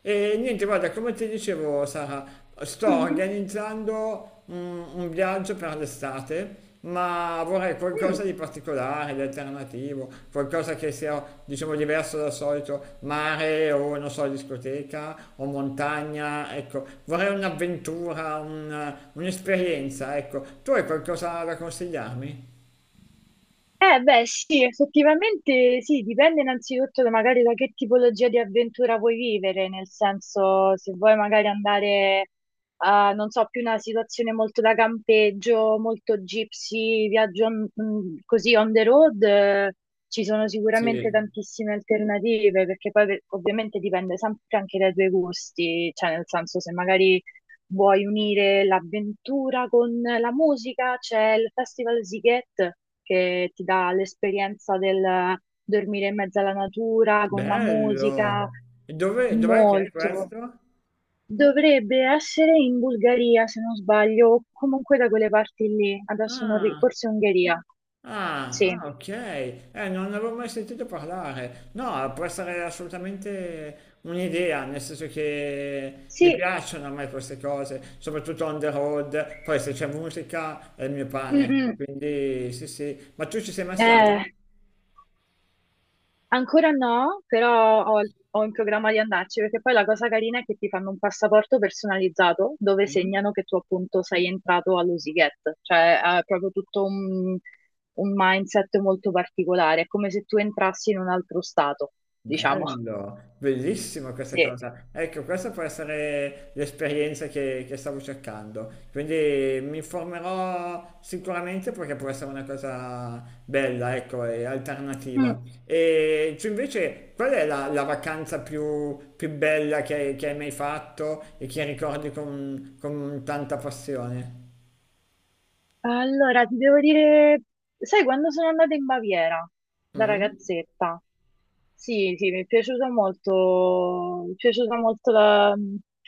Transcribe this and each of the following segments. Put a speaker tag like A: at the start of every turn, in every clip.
A: E niente, guarda, come ti dicevo, Sara, sto
B: Mhm.
A: organizzando un viaggio per l'estate, ma vorrei qualcosa
B: Mm.
A: di particolare, di alternativo, qualcosa che sia, diciamo, diverso dal solito mare o, non so, discoteca o montagna, ecco, vorrei un'avventura, un'esperienza, ecco. Tu hai qualcosa da consigliarmi?
B: Eh beh sì, effettivamente sì, dipende innanzitutto magari da che tipologia di avventura vuoi vivere, nel senso se vuoi magari andare a, non so, più una situazione molto da campeggio, molto gypsy, così on the road, ci sono sicuramente
A: Sì.
B: tantissime alternative, perché ovviamente dipende sempre anche dai tuoi gusti, cioè nel senso se magari vuoi unire l'avventura con la musica? C'è il Festival Siget che ti dà l'esperienza del dormire in mezzo alla natura con la
A: Bello!
B: musica,
A: E dov'è che è
B: molto.
A: questo?
B: Dovrebbe essere in Bulgaria, se non sbaglio, o comunque da quelle parti lì. Adesso non ri-
A: Ah.
B: forse Ungheria.
A: Ah,
B: Sì,
A: ah, ok, non ne avevo mai sentito parlare. No, può essere assolutamente un'idea, nel senso che mi
B: sì,
A: piacciono a me queste cose, soprattutto on the road, poi se c'è musica è il mio
B: mm,
A: pane,
B: mm.
A: quindi sì, sì. Ma tu ci sei mai stata?
B: Eh, ancora no, però ho in programma di andarci perché poi la cosa carina è che ti fanno un passaporto personalizzato dove
A: Mm?
B: segnano che tu appunto sei entrato all'Usiget, cioè è proprio tutto un mindset molto particolare, è come se tu entrassi in un altro stato, diciamo.
A: Bello, bellissima questa
B: Sì.
A: cosa. Ecco, questa può essere l'esperienza che stavo cercando. Quindi mi informerò sicuramente perché può essere una cosa bella, ecco, e
B: Mm.
A: alternativa. E tu invece, qual è la vacanza più bella che hai mai fatto e che ricordi con tanta passione?
B: Allora, ti devo dire, sai, quando sono andata in Baviera da
A: Mm?
B: ragazzetta, sì, sì, mi è piaciuta molto, mi è piaciuta molto la,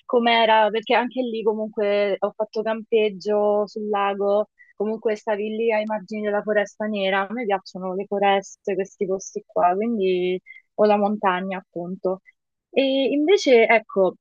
B: com'era, Perché anche lì comunque ho fatto campeggio sul lago, comunque stavi lì ai margini della Foresta Nera, a me piacciono le foreste, questi posti qua, quindi o la montagna, appunto. E invece, ecco,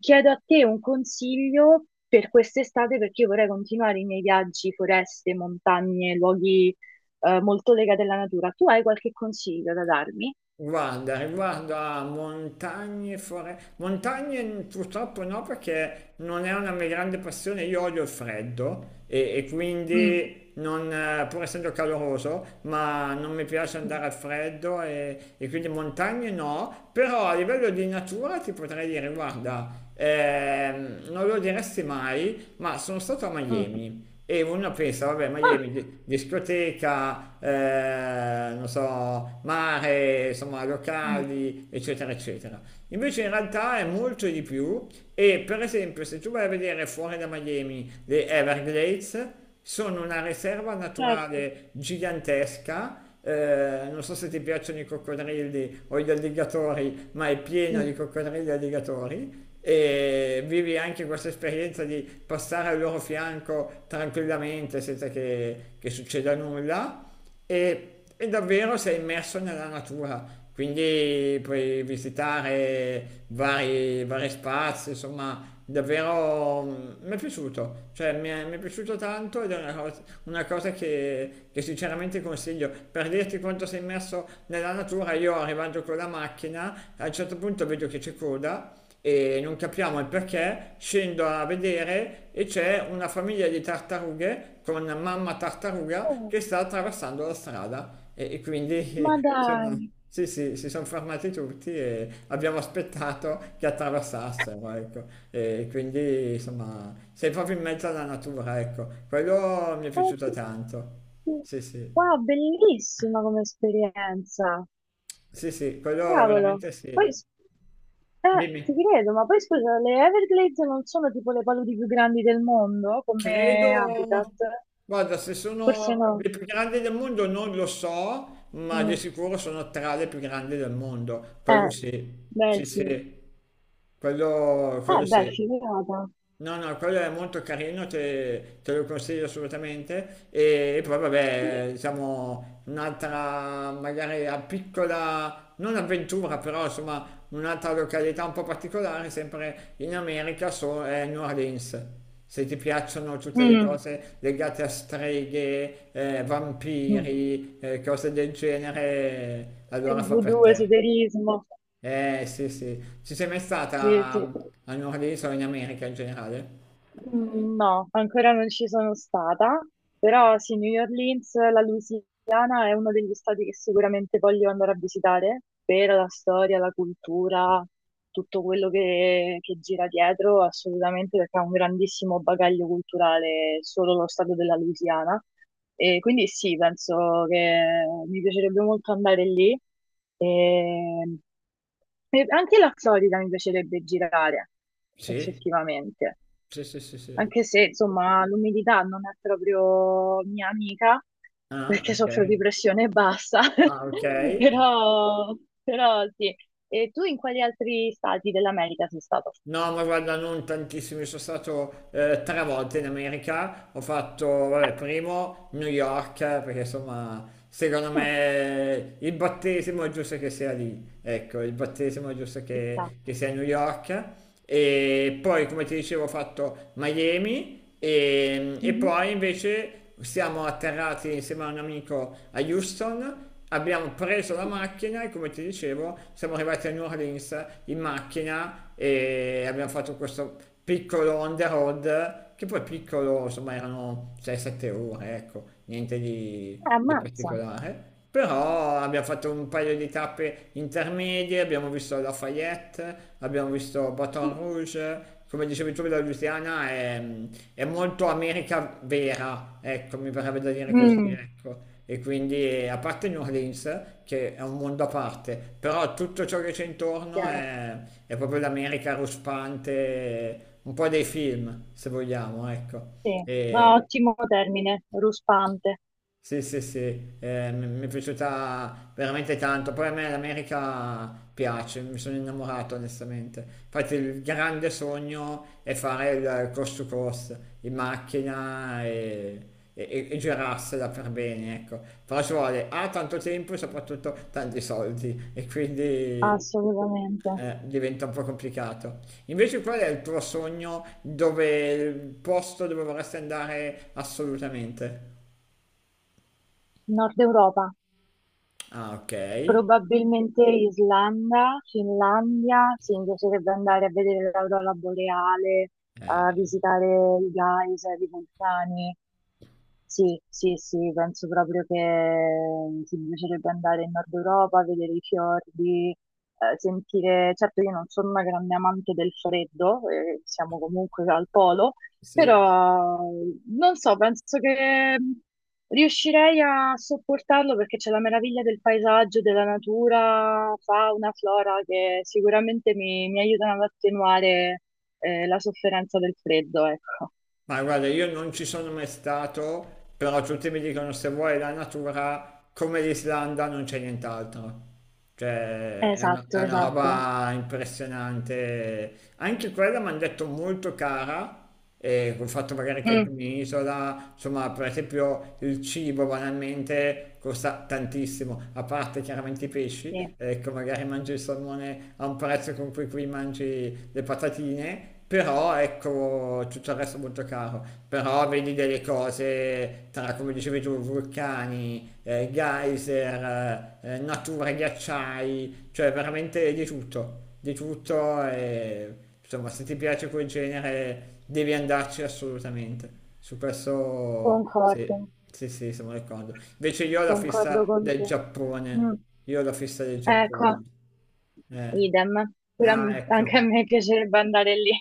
B: chiedo a te un consiglio per quest'estate perché io vorrei continuare i miei viaggi, foreste, montagne, luoghi, molto legati alla natura. Tu hai qualche consiglio da darmi?
A: Guarda, riguardo a montagne, montagne purtroppo no perché non è una mia grande passione, io odio il freddo e
B: Mm.
A: quindi non, pur essendo caloroso, ma non mi piace
B: Mm.
A: andare al freddo e quindi montagne no, però a livello di natura ti potrei dire, guarda, non lo diresti mai, ma sono stato a Miami e uno pensa, vabbè,
B: Ah,
A: Miami, discoteca, non so, mare, insomma,
B: mm,
A: locali, eccetera, eccetera. Invece in realtà è molto di più e per esempio se tu vai a vedere fuori da Miami le Everglades, sono una riserva
B: certo.
A: naturale gigantesca non so se ti piacciono i coccodrilli o gli alligatori, ma è pieno
B: Mm.
A: di coccodrilli e alligatori e vivi anche questa esperienza di passare al loro fianco tranquillamente senza che succeda nulla e, e davvero sei immerso nella natura. Quindi puoi visitare vari spazi, insomma, davvero mi è piaciuto, cioè mi è piaciuto tanto ed è una cosa che sinceramente consiglio. Per dirti quanto sei immerso nella natura, io arrivando con la macchina, a un certo punto vedo che c'è coda e non capiamo il perché, scendo a vedere e c'è una famiglia di tartarughe con mamma tartaruga
B: Oh,
A: che sta attraversando la strada e
B: ma
A: quindi
B: dai,
A: insomma sì, sì, sono fermati tutti e abbiamo aspettato che attraversassero, ecco, e quindi insomma sei proprio in mezzo alla natura, ecco, quello mi è
B: ma è
A: piaciuto
B: che-
A: tanto. Sì, sì,
B: wow, bellissima come esperienza.
A: sì, sì, quello
B: Cavolo.
A: veramente sì.
B: Poi, s- ti
A: Dimmi.
B: credo, ma poi scusa, le Everglades non sono tipo le paludi più grandi del mondo come habitat?
A: Credo, guarda, se
B: Forse
A: sono
B: no.
A: le più grandi del mondo non lo so, ma di
B: Mm.
A: sicuro sono tra le più grandi del mondo. Quello
B: Eh,
A: sì,
B: beh
A: sì,
B: sì.
A: sì, quello
B: Beh,
A: sì.
B: figata.
A: No, no, quello è molto carino, te lo consiglio assolutamente. E poi,
B: Sì.
A: vabbè, diciamo, un'altra magari a piccola, non avventura, però insomma, un'altra località un po' particolare, sempre in America, è New Orleans. Se ti piacciono tutte le
B: Mm.
A: cose legate a streghe,
B: Mm.
A: vampiri, cose del genere,
B: Il
A: allora fa per
B: voodoo,
A: te.
B: esoterismo.
A: Eh sì, sì. Ci sei mai
B: Sì,
A: stata
B: sì.
A: a New Orleans o in America in generale?
B: Mm, no, ancora non ci sono stata, però sì, New Orleans, la Louisiana è uno degli stati che sicuramente voglio andare a visitare per la storia, la cultura, tutto quello che gira dietro, assolutamente perché ha un grandissimo bagaglio culturale solo lo stato della Louisiana. E quindi sì, penso che mi piacerebbe molto andare lì. E... e anche la Florida mi piacerebbe girare,
A: Sì,
B: effettivamente,
A: sì, sì, sì, sì.
B: anche se insomma l'umidità non è proprio mia amica
A: Ah,
B: perché
A: ok.
B: soffro di pressione bassa,
A: Ah, ok.
B: però, però sì. E tu in quali altri stati dell'America sei stato?
A: No, ma guarda, non tantissimo, sono stato tre volte in America. Ho fatto,
B: Eh,
A: vabbè, primo New York, perché insomma, secondo
B: mm,
A: me il battesimo è giusto che sia lì. Ecco, il battesimo è giusto
B: ci sta.
A: che sia a New York. E poi come ti dicevo ho fatto Miami e
B: Mhm.
A: poi invece siamo atterrati insieme a un amico a Houston, abbiamo preso la macchina e come ti dicevo siamo arrivati a New Orleans in macchina e abbiamo fatto questo piccolo on the road che poi piccolo insomma erano 6-7 ore, ecco, niente di
B: Ammazza.
A: particolare, però abbiamo fatto un paio di tappe intermedie, abbiamo visto Lafayette, abbiamo visto Baton Rouge, come dicevi tu da Luciana, è molto America vera, ecco, mi verrebbe da dire così,
B: Mm,
A: ecco. E quindi, a parte New Orleans, che è un mondo a parte, però tutto ciò che c'è intorno
B: chiaro.
A: è proprio l'America ruspante, un po' dei film, se vogliamo, ecco.
B: Sì, no,
A: E,
B: ottimo termine, ruspante,
A: sì, sì, sì, mi è piaciuta veramente tanto. Poi a me l'America piace, mi sono innamorato onestamente. Infatti il grande sogno è fare il coast to coast in macchina e, e girarsela per bene, ecco. Però ci vuole A, tanto tempo e soprattutto tanti soldi e quindi
B: assolutamente.
A: diventa un po' complicato. Invece qual è il tuo sogno dove il posto dove vorresti andare assolutamente?
B: Nord Europa.
A: Ah, ok.
B: Probabilmente Islanda, Finlandia, sì, mi piacerebbe andare a vedere l'aurora boreale, a visitare i geyser, i vulcani. Sì, sì, sì, penso proprio che ti piacerebbe andare in Nord Europa, vedere i fiordi, sentire... Certo, io non sono una grande amante del freddo, siamo comunque al polo,
A: Sì.
B: però non so, penso che riuscirei a sopportarlo perché c'è la meraviglia del paesaggio, della natura, fauna, flora, che sicuramente mi aiutano ad attenuare, la sofferenza del freddo, ecco.
A: Ma guarda, io non ci sono mai stato, però tutti mi dicono se vuoi la natura, come l'Islanda non c'è nient'altro. Cioè, è
B: Esatto,
A: una
B: esatto.
A: roba impressionante. Anche quella mi hanno detto molto cara, e col fatto magari che è anche
B: Mm,
A: un'isola, insomma, per esempio il cibo banalmente costa tantissimo, a parte chiaramente i
B: sì.
A: pesci, ecco, magari mangi il salmone a un prezzo con cui qui mangi le patatine, però ecco tutto il resto è molto caro, però vedi delle cose tra, come dicevi tu, vulcani, geyser, natura, ghiacciai, cioè veramente di tutto e insomma se ti piace quel genere devi andarci assolutamente, su questo sì,
B: Concordo,
A: sì, sì, siamo d'accordo. Invece
B: concordo con te. Mm,
A: Io ho la fissa del
B: ecco,
A: Giappone. Eh.
B: idem. Pure
A: Ah, ecco.
B: anche a me piacerebbe andare lì.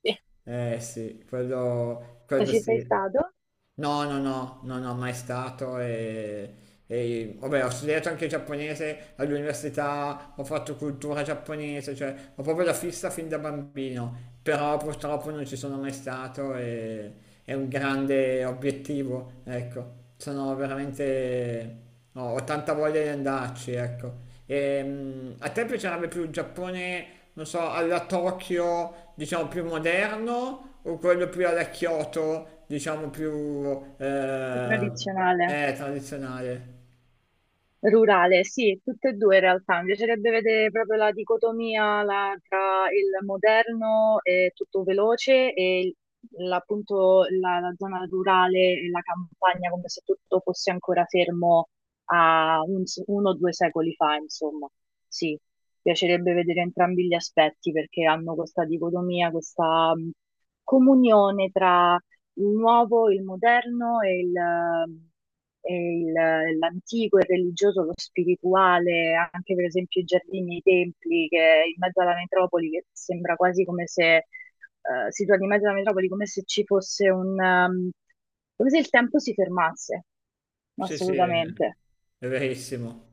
B: Sì,
A: Eh sì,
B: non
A: quello
B: ci sei
A: sì.
B: stato?
A: No, no, no, no, no, mai stato e, vabbè, ho studiato anche giapponese all'università, ho fatto cultura giapponese, cioè ho proprio la fissa fin da bambino, però purtroppo non ci sono mai stato e è un grande obiettivo, ecco, sono veramente, ho tanta voglia di andarci, ecco. E, a te piacerebbe più il Giappone, non so, alla Tokyo, diciamo, più moderno o quello più alla Kyoto, diciamo, più
B: Più tradizionale.
A: tradizionale?
B: Rurale, sì, tutte e due in realtà. Mi piacerebbe vedere proprio la dicotomia tra il moderno e tutto veloce e appunto la zona rurale e la campagna, come se tutto fosse ancora fermo a 1 o 2 secoli fa, insomma. Sì, mi piacerebbe vedere entrambi gli aspetti perché hanno questa dicotomia, questa comunione il nuovo, il moderno e l'antico, il religioso, lo spirituale, anche per esempio i giardini, i templi, che in mezzo alla metropoli, che sembra quasi come se, situati in mezzo alla metropoli, come se ci fosse un, come se il tempo si fermasse,
A: Sì, sì, è
B: assolutamente.
A: verissimo.